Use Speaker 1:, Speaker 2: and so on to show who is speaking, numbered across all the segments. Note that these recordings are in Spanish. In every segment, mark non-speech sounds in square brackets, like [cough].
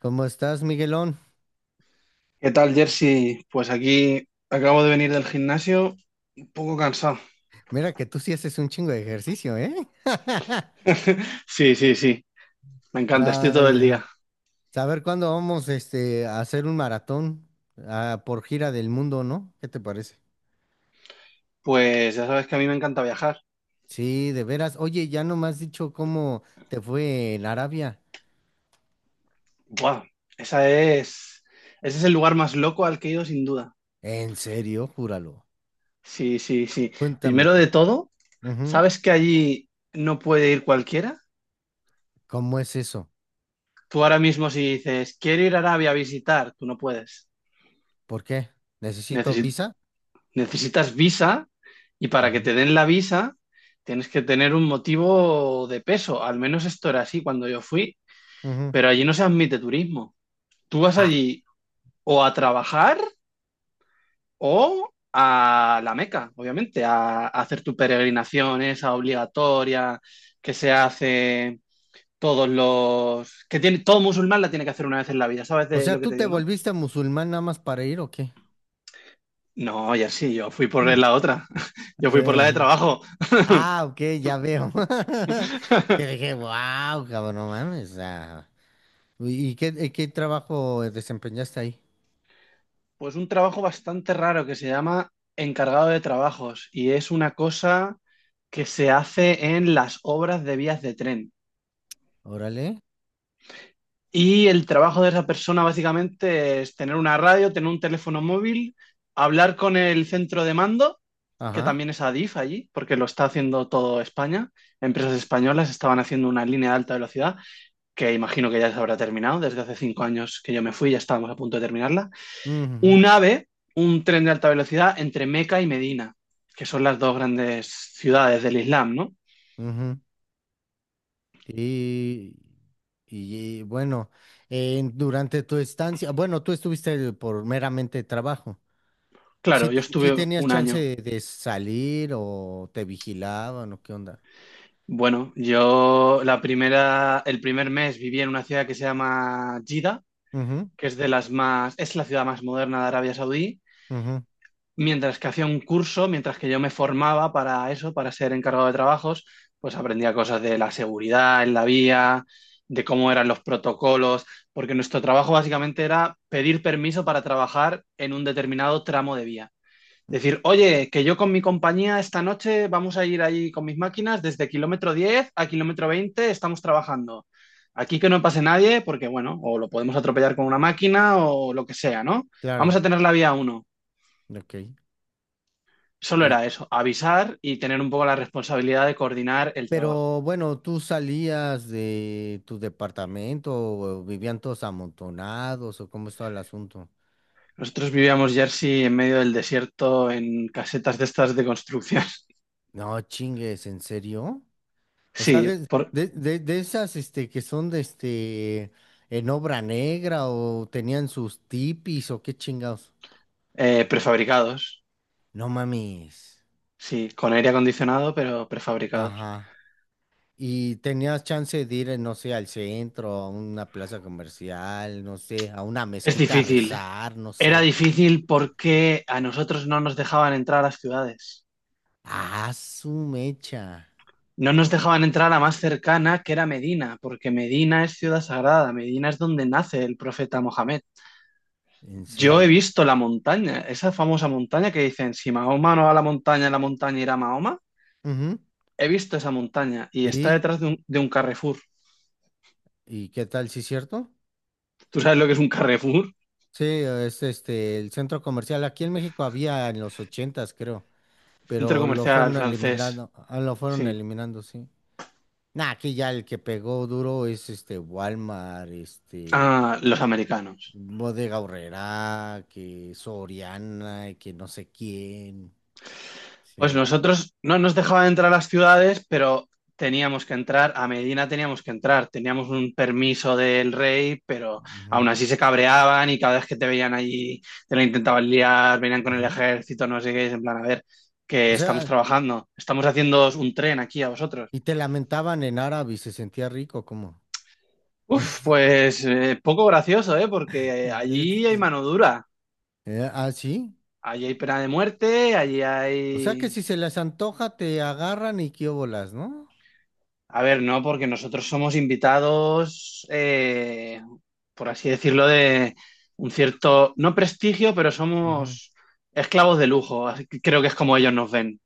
Speaker 1: ¿Cómo estás, Miguelón?
Speaker 2: ¿Qué tal, Jersey? Pues aquí acabo de venir del gimnasio, un poco cansado.
Speaker 1: Mira que tú sí haces un chingo de ejercicio, ¿eh? [laughs]
Speaker 2: Sí, sí, sí, me encanta, estoy
Speaker 1: No,
Speaker 2: todo el
Speaker 1: ya.
Speaker 2: día.
Speaker 1: Saber cuándo vamos a hacer un maratón, por gira del mundo, ¿no? ¿Qué te parece?
Speaker 2: Pues ya sabes que a mí me encanta viajar.
Speaker 1: Sí, de veras. Oye, ya no me has dicho cómo te fue en Arabia.
Speaker 2: ¡Buah! Esa es, ese es el lugar más loco al que he ido sin duda.
Speaker 1: ¿En serio? Júralo.
Speaker 2: Sí, sí, sí.
Speaker 1: Cuéntame
Speaker 2: Primero de
Speaker 1: por qué.
Speaker 2: todo,
Speaker 1: Ujú.
Speaker 2: ¿sabes que allí no puede ir cualquiera?
Speaker 1: ¿Cómo es eso?
Speaker 2: Tú ahora mismo si dices, quiero ir a Arabia a visitar, tú no puedes.
Speaker 1: ¿Por qué? ¿Necesito
Speaker 2: Necesi-
Speaker 1: visa?
Speaker 2: necesitas visa y para que
Speaker 1: Ujú,
Speaker 2: te den la visa tienes que tener un motivo de peso. Al menos esto era así cuando yo fui,
Speaker 1: ujú.
Speaker 2: pero allí no se admite turismo. Tú vas
Speaker 1: Ah,
Speaker 2: allí o a trabajar o a la Meca, obviamente, a hacer tu peregrinación esa obligatoria que se hace que tiene, todo musulmán la tiene que hacer una vez en la vida, ¿sabes
Speaker 1: o
Speaker 2: de
Speaker 1: sea,
Speaker 2: lo que
Speaker 1: ¿tú
Speaker 2: te
Speaker 1: te
Speaker 2: digo, no?
Speaker 1: volviste musulmán nada más para ir o qué?
Speaker 2: No, ya sí, yo fui por
Speaker 1: Mm.
Speaker 2: la otra, [laughs] yo fui por la de
Speaker 1: Eh,
Speaker 2: trabajo. [laughs]
Speaker 1: Ah, ok, ya veo. [laughs] Que dije, wow, cabrón, no mames. Ah". ¿Y qué trabajo desempeñaste ahí?
Speaker 2: Pues un trabajo bastante raro que se llama encargado de trabajos y es una cosa que se hace en las obras de vías de tren.
Speaker 1: Órale.
Speaker 2: Y el trabajo de esa persona básicamente es tener una radio, tener un teléfono móvil, hablar con el centro de mando, que
Speaker 1: Ajá.
Speaker 2: también es Adif allí, porque lo está haciendo todo España. Empresas españolas estaban haciendo una línea de alta velocidad, que imagino que ya se habrá terminado, desde hace 5 años que yo me fui, ya estábamos a punto de terminarla.
Speaker 1: Ujú,
Speaker 2: Un AVE, un tren de alta velocidad entre Meca y Medina, que son las dos grandes ciudades del Islam, ¿no?
Speaker 1: ujú. Y, y bueno, durante tu estancia, bueno, tú estuviste por meramente trabajo. ¿Sí,
Speaker 2: Claro, yo
Speaker 1: sí
Speaker 2: estuve
Speaker 1: tenías
Speaker 2: un
Speaker 1: chance
Speaker 2: año.
Speaker 1: de salir o te vigilaban o qué onda?
Speaker 2: Bueno, yo la primera, el primer mes viví en una ciudad que se llama Jeddah,
Speaker 1: Ujú,
Speaker 2: que es de las más, es la ciudad más moderna de Arabia Saudí
Speaker 1: ujú,
Speaker 2: mientras que hacía un curso, mientras que yo me formaba para eso, para ser encargado de trabajos, pues aprendía cosas de la seguridad en la vía, de cómo eran los protocolos, porque nuestro trabajo básicamente era pedir permiso para trabajar en un determinado tramo de vía. Decir, oye, que yo con mi compañía esta noche vamos a ir ahí con mis máquinas desde kilómetro 10 a kilómetro 20 estamos trabajando. Aquí que no pase nadie, porque bueno, o lo podemos atropellar con una máquina o lo que sea, ¿no? Vamos
Speaker 1: claro,
Speaker 2: a tener la vía uno.
Speaker 1: ok.
Speaker 2: Solo era eso, avisar y tener un poco la responsabilidad de coordinar el trabajo.
Speaker 1: Pero bueno, tú salías de tu departamento, o vivían todos amontonados, o cómo estaba el asunto.
Speaker 2: Nosotros vivíamos Jersey en medio del desierto en casetas de estas de construcción. [laughs]
Speaker 1: No, chingues, ¿en serio? O sea,
Speaker 2: Sí,
Speaker 1: de,
Speaker 2: por,
Speaker 1: de, de, de esas que son de en obra negra, o tenían sus tipis, o qué chingados.
Speaker 2: prefabricados.
Speaker 1: No mames.
Speaker 2: Sí, con aire acondicionado, pero prefabricados.
Speaker 1: Ajá. Y tenías chance de ir, no sé, al centro, a una plaza comercial, no sé, a una
Speaker 2: Es
Speaker 1: mezquita a
Speaker 2: difícil.
Speaker 1: rezar, no
Speaker 2: Era
Speaker 1: sé.
Speaker 2: difícil porque a nosotros no nos dejaban entrar a las ciudades.
Speaker 1: Ah, su mecha.
Speaker 2: No nos dejaban entrar a la más cercana, que era Medina, porque Medina es ciudad sagrada. Medina es donde nace el profeta Mohamed.
Speaker 1: En
Speaker 2: Yo he
Speaker 1: serio.
Speaker 2: visto la montaña, esa famosa montaña que dicen, si Mahoma no va a la montaña irá a Mahoma.
Speaker 1: Ujú.
Speaker 2: He visto esa montaña y está
Speaker 1: ¿Y,
Speaker 2: detrás de un Carrefour.
Speaker 1: y qué tal, sí es cierto?
Speaker 2: ¿Tú sabes lo que es un Carrefour?
Speaker 1: Sí, es el centro comercial. Aquí en México había en los ochentas, creo,
Speaker 2: Centro
Speaker 1: pero lo
Speaker 2: comercial
Speaker 1: fueron
Speaker 2: francés.
Speaker 1: eliminando, lo fueron
Speaker 2: Sí.
Speaker 1: eliminando, sí. Nah, aquí ya el que pegó duro es Walmart,
Speaker 2: Ah, los americanos.
Speaker 1: Bodega Aurrerá, que Soriana, y que no sé quién.
Speaker 2: Pues
Speaker 1: Sí.
Speaker 2: nosotros no nos dejaban entrar a las ciudades, pero teníamos que entrar, a Medina teníamos que entrar, teníamos un permiso del rey, pero
Speaker 1: Ujú,
Speaker 2: aún así se cabreaban y cada vez que te veían allí te la intentaban liar, venían con el
Speaker 1: ujú.
Speaker 2: ejército, no sé qué, es en plan, a ver,
Speaker 1: O
Speaker 2: que estamos
Speaker 1: sea,
Speaker 2: trabajando, estamos haciendo un tren aquí a vosotros.
Speaker 1: y te lamentaban en árabe y se sentía rico, ¿cómo?
Speaker 2: Uf,
Speaker 1: [laughs]
Speaker 2: pues poco gracioso, ¿eh? Porque allí hay mano dura,
Speaker 1: Ah, sí.
Speaker 2: allí hay pena de muerte, allí
Speaker 1: O sea que
Speaker 2: hay.
Speaker 1: si se les antoja, te agarran y quiobolas, ¿no?
Speaker 2: A ver, no, porque nosotros somos invitados, por así decirlo, de un cierto, no prestigio, pero
Speaker 1: Ujú.
Speaker 2: somos esclavos de lujo. Así que creo que es como ellos nos ven.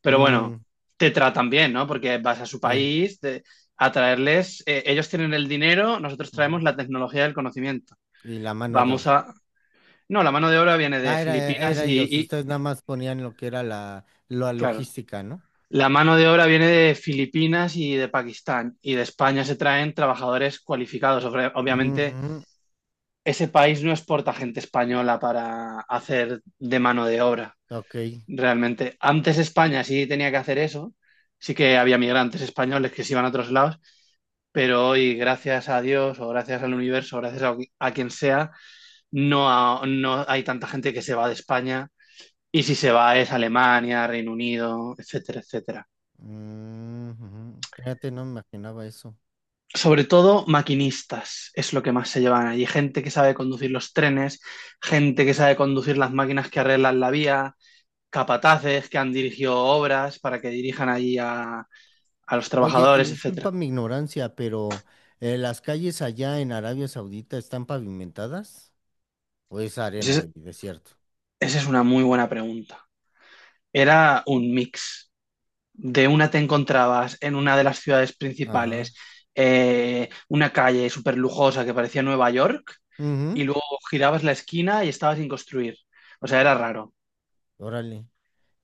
Speaker 2: Pero bueno,
Speaker 1: Mm,
Speaker 2: te tratan bien, ¿no? Porque vas a su
Speaker 1: sí.
Speaker 2: país a traerles, ellos tienen el dinero, nosotros traemos
Speaker 1: Ujú.
Speaker 2: la tecnología del conocimiento.
Speaker 1: Y la mano de
Speaker 2: Vamos
Speaker 1: obra.
Speaker 2: a... No, la mano de obra viene de
Speaker 1: Ah, era,
Speaker 2: Filipinas
Speaker 1: era ellos.
Speaker 2: y,
Speaker 1: Ustedes
Speaker 2: y-
Speaker 1: nada más ponían lo que era la
Speaker 2: claro.
Speaker 1: logística, ¿no?
Speaker 2: La mano de obra viene de Filipinas y de Pakistán, y de España se traen trabajadores cualificados. Obviamente,
Speaker 1: Ujú.
Speaker 2: ese país no exporta gente española para hacer de mano de obra,
Speaker 1: Ok.
Speaker 2: realmente. Antes España sí tenía que hacer eso, sí que había migrantes españoles que se iban a otros lados, pero hoy, gracias a Dios o gracias al universo, o gracias a quien sea, no, no hay tanta gente que se va de España, y si se va es Alemania, Reino Unido, etcétera, etcétera.
Speaker 1: Ujú. Fíjate, no me imaginaba eso.
Speaker 2: Sobre todo maquinistas es lo que más se llevan allí. Gente que sabe conducir los trenes, gente que sabe conducir las máquinas que arreglan la vía, capataces que han dirigido obras para que dirijan allí a los
Speaker 1: Oye, y
Speaker 2: trabajadores,
Speaker 1: disculpa
Speaker 2: etcétera.
Speaker 1: mi ignorancia, pero ¿las calles allá en Arabia Saudita están pavimentadas? ¿O es
Speaker 2: Pues
Speaker 1: arena y desierto?
Speaker 2: esa es una muy buena pregunta. Era un mix. De una te encontrabas en una de las ciudades
Speaker 1: Ajá.
Speaker 2: principales, una calle súper lujosa que parecía Nueva York,
Speaker 1: Ujú.
Speaker 2: y luego girabas la esquina y estaba sin construir. O sea, era raro.
Speaker 1: Órale.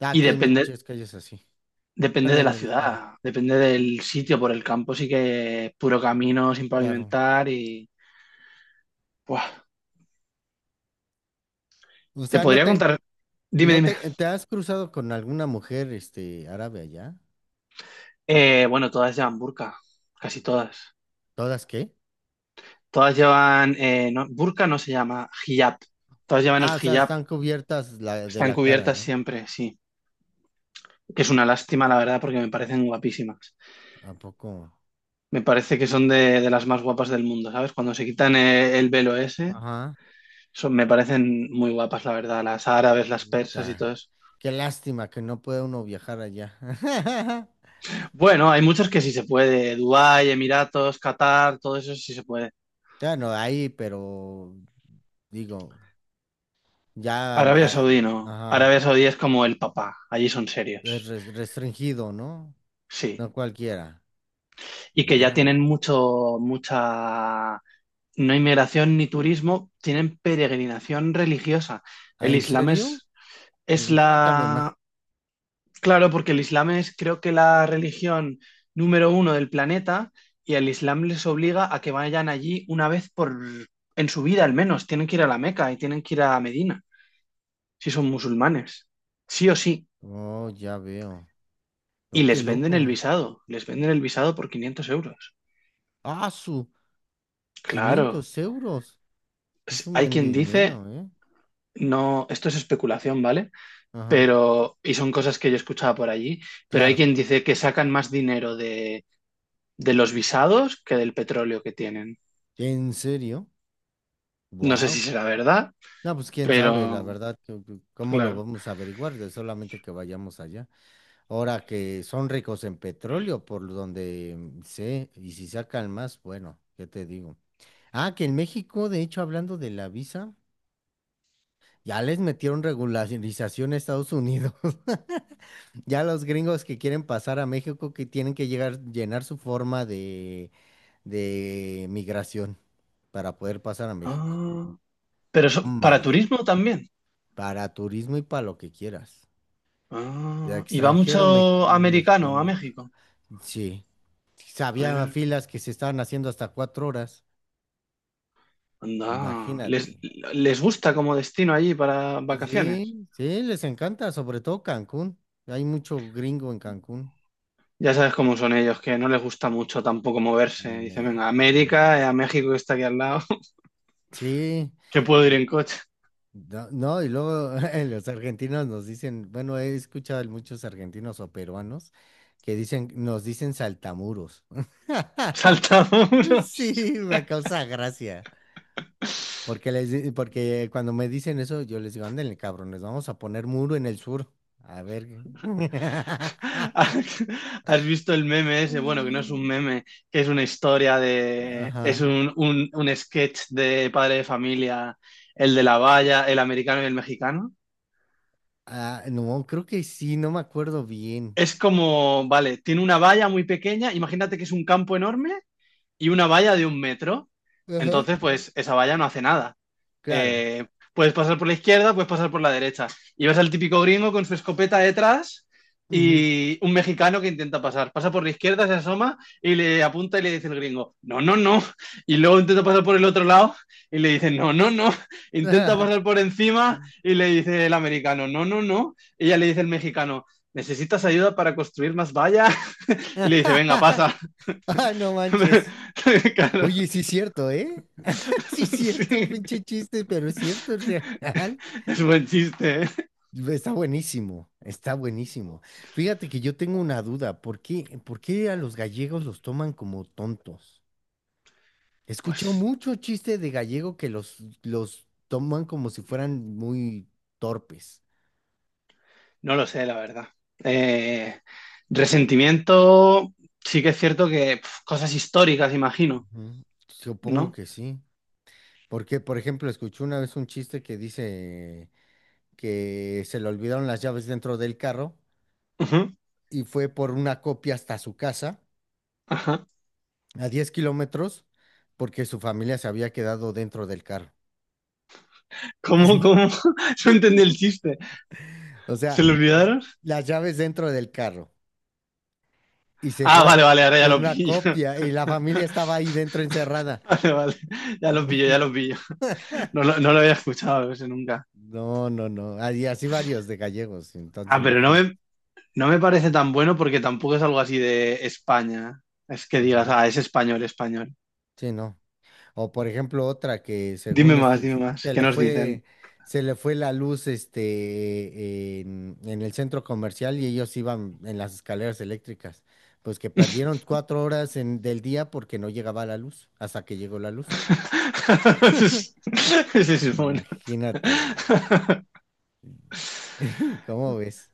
Speaker 1: Ah,
Speaker 2: Y
Speaker 1: aquí hay
Speaker 2: depende,
Speaker 1: muchas calles así.
Speaker 2: depende
Speaker 1: Bueno,
Speaker 2: de
Speaker 1: en
Speaker 2: la
Speaker 1: el estado,
Speaker 2: ciudad, depende del sitio por el campo, sí que es puro camino sin
Speaker 1: claro.
Speaker 2: pavimentar y... Buah,
Speaker 1: O
Speaker 2: te
Speaker 1: sea, ¿no
Speaker 2: podría
Speaker 1: te,
Speaker 2: contar, dime,
Speaker 1: no
Speaker 2: dime.
Speaker 1: te, te has cruzado con alguna mujer, árabe allá?
Speaker 2: Bueno, todas llevan burka, casi todas.
Speaker 1: ¿Todas qué?
Speaker 2: Todas llevan, no, burka no se llama, hijab. Todas llevan el
Speaker 1: Ah, o sea,
Speaker 2: hijab,
Speaker 1: están cubiertas de
Speaker 2: están
Speaker 1: la cara,
Speaker 2: cubiertas
Speaker 1: ¿no?
Speaker 2: siempre, sí. Que es una lástima, la verdad, porque me parecen guapísimas.
Speaker 1: ¿A poco?
Speaker 2: Me parece que son de las más guapas del mundo, ¿sabes? Cuando se quitan el velo ese,
Speaker 1: Ajá.
Speaker 2: son, me parecen muy guapas, la verdad, las árabes, las persas y todo
Speaker 1: Ta-
Speaker 2: eso.
Speaker 1: Qué lástima que no puede uno viajar allá. [laughs]
Speaker 2: Bueno, hay muchos que sí se puede. Dubái, Emiratos, Qatar, todo eso sí se puede.
Speaker 1: Bueno, ahí, pero digo, ya,
Speaker 2: Arabia Saudí no.
Speaker 1: ajá,
Speaker 2: Arabia Saudí es como el papá. Allí son
Speaker 1: es
Speaker 2: serios.
Speaker 1: restringido, ¿no?
Speaker 2: Sí.
Speaker 1: No cualquiera.
Speaker 2: Y que ya
Speaker 1: Mira.
Speaker 2: tienen mucho, mucha, no inmigración ni turismo, tienen peregrinación religiosa.
Speaker 1: ¿Ah,
Speaker 2: El
Speaker 1: en
Speaker 2: Islam
Speaker 1: serio?
Speaker 2: es
Speaker 1: Cuéntame más.
Speaker 2: la, claro, porque el Islam es creo que la religión número uno del planeta y el Islam les obliga a que vayan allí una vez por, en su vida al menos. Tienen que ir a la Meca y tienen que ir a Medina, si son musulmanes, sí o sí,
Speaker 1: Oh, ya veo. No,
Speaker 2: y
Speaker 1: qué
Speaker 2: les venden el
Speaker 1: loco.
Speaker 2: visado, les venden el visado por 500 euros.
Speaker 1: Ah, su
Speaker 2: Claro,
Speaker 1: 500 euros. Es un
Speaker 2: hay
Speaker 1: buen de
Speaker 2: quien dice,
Speaker 1: dinero, ¿eh?
Speaker 2: no, esto es especulación, ¿vale?
Speaker 1: Ajá,
Speaker 2: Pero, y son cosas que yo escuchaba por allí, pero hay
Speaker 1: claro.
Speaker 2: quien dice que sacan más dinero de los visados que del petróleo que tienen.
Speaker 1: ¿En serio?
Speaker 2: No sé si
Speaker 1: Wow.
Speaker 2: será verdad,
Speaker 1: No, pues quién sabe, la
Speaker 2: pero,
Speaker 1: verdad, cómo lo
Speaker 2: claro.
Speaker 1: vamos a averiguar de solamente que vayamos allá. Ahora que son ricos en petróleo, por donde sé, y si sacan más, bueno, ¿qué te digo? Ah, que en México, de hecho, hablando de la visa, ya les metieron regularización a Estados Unidos. [laughs] Ya los gringos que quieren pasar a México que tienen que llegar, llenar su forma de migración para poder pasar a México.
Speaker 2: Ah, pero para
Speaker 1: Tómala.
Speaker 2: turismo también.
Speaker 1: Para turismo y para lo que quieras. De
Speaker 2: Ah, y va
Speaker 1: extranjero,
Speaker 2: mucho americano a México.
Speaker 1: sí. Había filas que se estaban haciendo hasta 4 horas.
Speaker 2: Anda, ¿les,
Speaker 1: Imagínate.
Speaker 2: les gusta como destino allí para vacaciones?
Speaker 1: Sí, sí, les encanta, sobre todo Cancún. Hay mucho gringo en Cancún.
Speaker 2: Ya sabes cómo son ellos, que no les gusta mucho tampoco moverse. Dicen, venga, América,
Speaker 1: Sí.
Speaker 2: a México que está aquí al lado, [laughs]
Speaker 1: Sí.
Speaker 2: que puedo ir en coche. [laughs]
Speaker 1: No, no, y luego [laughs] los argentinos nos dicen, bueno, he escuchado a muchos argentinos o peruanos que dicen, nos dicen saltamuros. [laughs]
Speaker 2: Saltamuros.
Speaker 1: Sí, me causa gracia. Porque porque cuando me dicen eso, yo les digo, ándenle, cabrones, vamos a poner muro en el sur. A ver, qué. [laughs]
Speaker 2: ¿Has has visto el meme ese? Bueno, que no es un
Speaker 1: Mm.
Speaker 2: meme, que es una historia de... Es
Speaker 1: Ajá.
Speaker 2: un sketch de padre de familia, el de la valla, el americano y el mexicano.
Speaker 1: Ah, no, creo que sí, no me acuerdo bien.
Speaker 2: Es como, vale, tiene una valla muy pequeña, imagínate que es un campo enorme y una valla de 1 metro,
Speaker 1: Ajá.
Speaker 2: entonces pues esa valla no hace nada.
Speaker 1: Claro.
Speaker 2: Eh, Puedes pasar por la izquierda, puedes pasar por la derecha. Y ves al típico gringo con su escopeta detrás
Speaker 1: Ujú.
Speaker 2: y un mexicano que intenta pasar. Pasa por la izquierda, se asoma y le apunta y le dice el gringo, no, no, no. Y luego intenta pasar por el otro lado y le dice, no, no, no. Intenta pasar
Speaker 1: [laughs]
Speaker 2: por encima y le dice el americano, no, no, no. Y ya le dice el mexicano. ¿Necesitas ayuda para construir más valla? Y le dice, venga,
Speaker 1: [laughs]
Speaker 2: pasa.
Speaker 1: Ah, no manches. Oye,
Speaker 2: [laughs]
Speaker 1: sí es cierto, ¿eh? [laughs]
Speaker 2: [laughs]
Speaker 1: Sí es cierto,
Speaker 2: sí,
Speaker 1: pinche chiste, pero es cierto, es real.
Speaker 2: es buen chiste, ¿eh?
Speaker 1: Está buenísimo, está buenísimo. Fíjate que yo tengo una duda, ¿por qué a los gallegos los toman como tontos? He escuchado
Speaker 2: Pues
Speaker 1: mucho chiste de gallego que los toman como si fueran muy torpes.
Speaker 2: no lo sé, la verdad. Eh, Resentimiento, sí que es cierto que cosas históricas, imagino,
Speaker 1: Ujú. Supongo
Speaker 2: ¿no?
Speaker 1: que sí. Porque, por ejemplo, escuché una vez un chiste que dice que se le olvidaron las llaves dentro del carro
Speaker 2: Ujú,
Speaker 1: y fue por una copia hasta su casa
Speaker 2: ajá.
Speaker 1: a 10 kilómetros porque su familia se había quedado dentro del carro.
Speaker 2: ¿Cómo,
Speaker 1: [laughs]
Speaker 2: cómo? [laughs] No entendí el chiste.
Speaker 1: O
Speaker 2: ¿Se
Speaker 1: sea,
Speaker 2: lo olvidaron?
Speaker 1: las llaves dentro del carro. Y se
Speaker 2: Ah,
Speaker 1: fue
Speaker 2: vale, vale, ahora ya
Speaker 1: por
Speaker 2: lo
Speaker 1: una
Speaker 2: pillo. [laughs]
Speaker 1: copia y la familia estaba ahí dentro encerrada.
Speaker 2: Vale, vale. Ya lo pillo, ya lo pillo.
Speaker 1: [laughs]
Speaker 2: No, no lo había escuchado ese nunca.
Speaker 1: No, no, no. Y así varios de gallegos, entonces
Speaker 2: Ah, pero
Speaker 1: imagínate.
Speaker 2: no me parece tan bueno porque tampoco es algo así de España. Es que digas,
Speaker 1: Ujú.
Speaker 2: ah, es español, español.
Speaker 1: Sí, no. O por ejemplo, otra que
Speaker 2: Dime
Speaker 1: según
Speaker 2: más, dime más.
Speaker 1: se
Speaker 2: ¿Qué
Speaker 1: le
Speaker 2: nos dicen?
Speaker 1: fue, se le fue la luz en el centro comercial y ellos iban en las escaleras eléctricas. Pues que perdieron 4 horas del día porque no llegaba la luz, hasta que llegó la luz.
Speaker 2: [laughs] Ese es Ese es bueno.
Speaker 1: Imagínate, güey.
Speaker 2: [laughs]
Speaker 1: [laughs] ¿Cómo ves?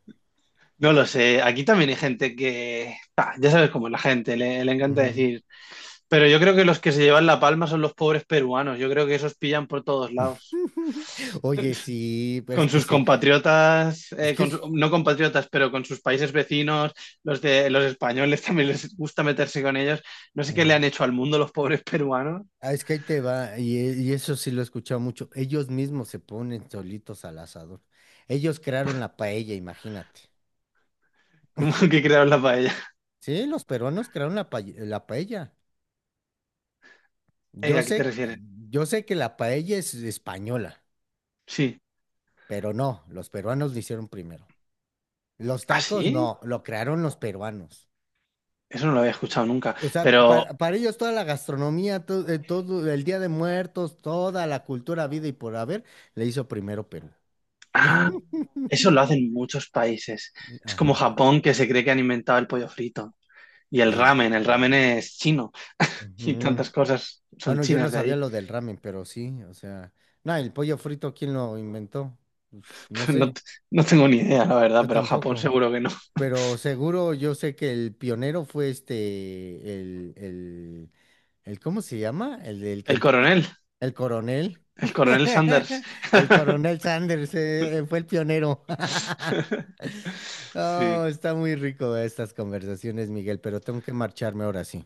Speaker 2: No lo sé. Aquí también hay gente que. Ah, ya sabes cómo es la gente, le encanta
Speaker 1: Ujú.
Speaker 2: decir. Pero yo creo que los que se llevan la palma son los pobres peruanos. Yo creo que esos pillan por todos lados.
Speaker 1: [laughs] Oye, sí, pero
Speaker 2: Con sus compatriotas,
Speaker 1: es que
Speaker 2: con
Speaker 1: es...
Speaker 2: no compatriotas, pero con sus países vecinos, los de los españoles también les gusta meterse con ellos. No sé qué le han hecho al mundo los pobres peruanos.
Speaker 1: Ah, es que ahí te va, y eso sí lo he escuchado mucho. Ellos mismos se ponen solitos al asador. Ellos crearon la paella, imagínate.
Speaker 2: [laughs] Como que crearon la paella.
Speaker 1: Sí, los peruanos crearon la paella. Yo
Speaker 2: ¿A qué te
Speaker 1: sé,
Speaker 2: refieres?
Speaker 1: yo sé que la paella es española,
Speaker 2: Sí.
Speaker 1: pero no, los peruanos lo hicieron primero. Los
Speaker 2: ¿Ah,
Speaker 1: tacos
Speaker 2: sí?
Speaker 1: no, lo crearon los peruanos.
Speaker 2: Eso no lo había escuchado nunca,
Speaker 1: O sea,
Speaker 2: pero
Speaker 1: para ellos toda la gastronomía, todo el Día de Muertos, toda la cultura, vida y por haber, le hizo primero Perú.
Speaker 2: ah, eso lo hacen muchos países. Es como
Speaker 1: Ajá.
Speaker 2: Japón que se cree que han inventado el pollo frito y el
Speaker 1: Sí,
Speaker 2: ramen.
Speaker 1: sí,
Speaker 2: El
Speaker 1: no.
Speaker 2: ramen es chino. [laughs] Y
Speaker 1: Ujú.
Speaker 2: tantas cosas son
Speaker 1: Bueno, yo no
Speaker 2: chinas de
Speaker 1: sabía
Speaker 2: allí.
Speaker 1: lo del ramen, pero sí, o sea, no, el pollo frito, ¿quién lo inventó? Pues, no
Speaker 2: [laughs] No,
Speaker 1: sé,
Speaker 2: no tengo ni idea, la verdad,
Speaker 1: yo
Speaker 2: pero Japón
Speaker 1: tampoco,
Speaker 2: seguro que no.
Speaker 1: pero seguro yo sé que el pionero fue el ¿cómo se llama? El del
Speaker 2: El
Speaker 1: Kentucky,
Speaker 2: coronel,
Speaker 1: el coronel, [laughs]
Speaker 2: el coronel Sanders.
Speaker 1: el
Speaker 2: [laughs]
Speaker 1: coronel Sanders, fue el pionero. [laughs]
Speaker 2: Sí.
Speaker 1: Oh, está muy rico estas conversaciones, Miguel, pero tengo que marcharme ahora sí,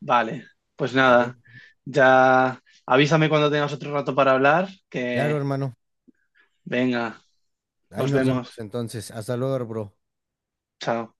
Speaker 2: Vale, pues
Speaker 1: ¿vale?
Speaker 2: nada, ya avísame cuando tengas otro rato para hablar,
Speaker 1: Claro,
Speaker 2: que
Speaker 1: hermano,
Speaker 2: venga,
Speaker 1: ahí
Speaker 2: nos
Speaker 1: nos vemos
Speaker 2: vemos.
Speaker 1: entonces, hasta luego, bro.
Speaker 2: Chao.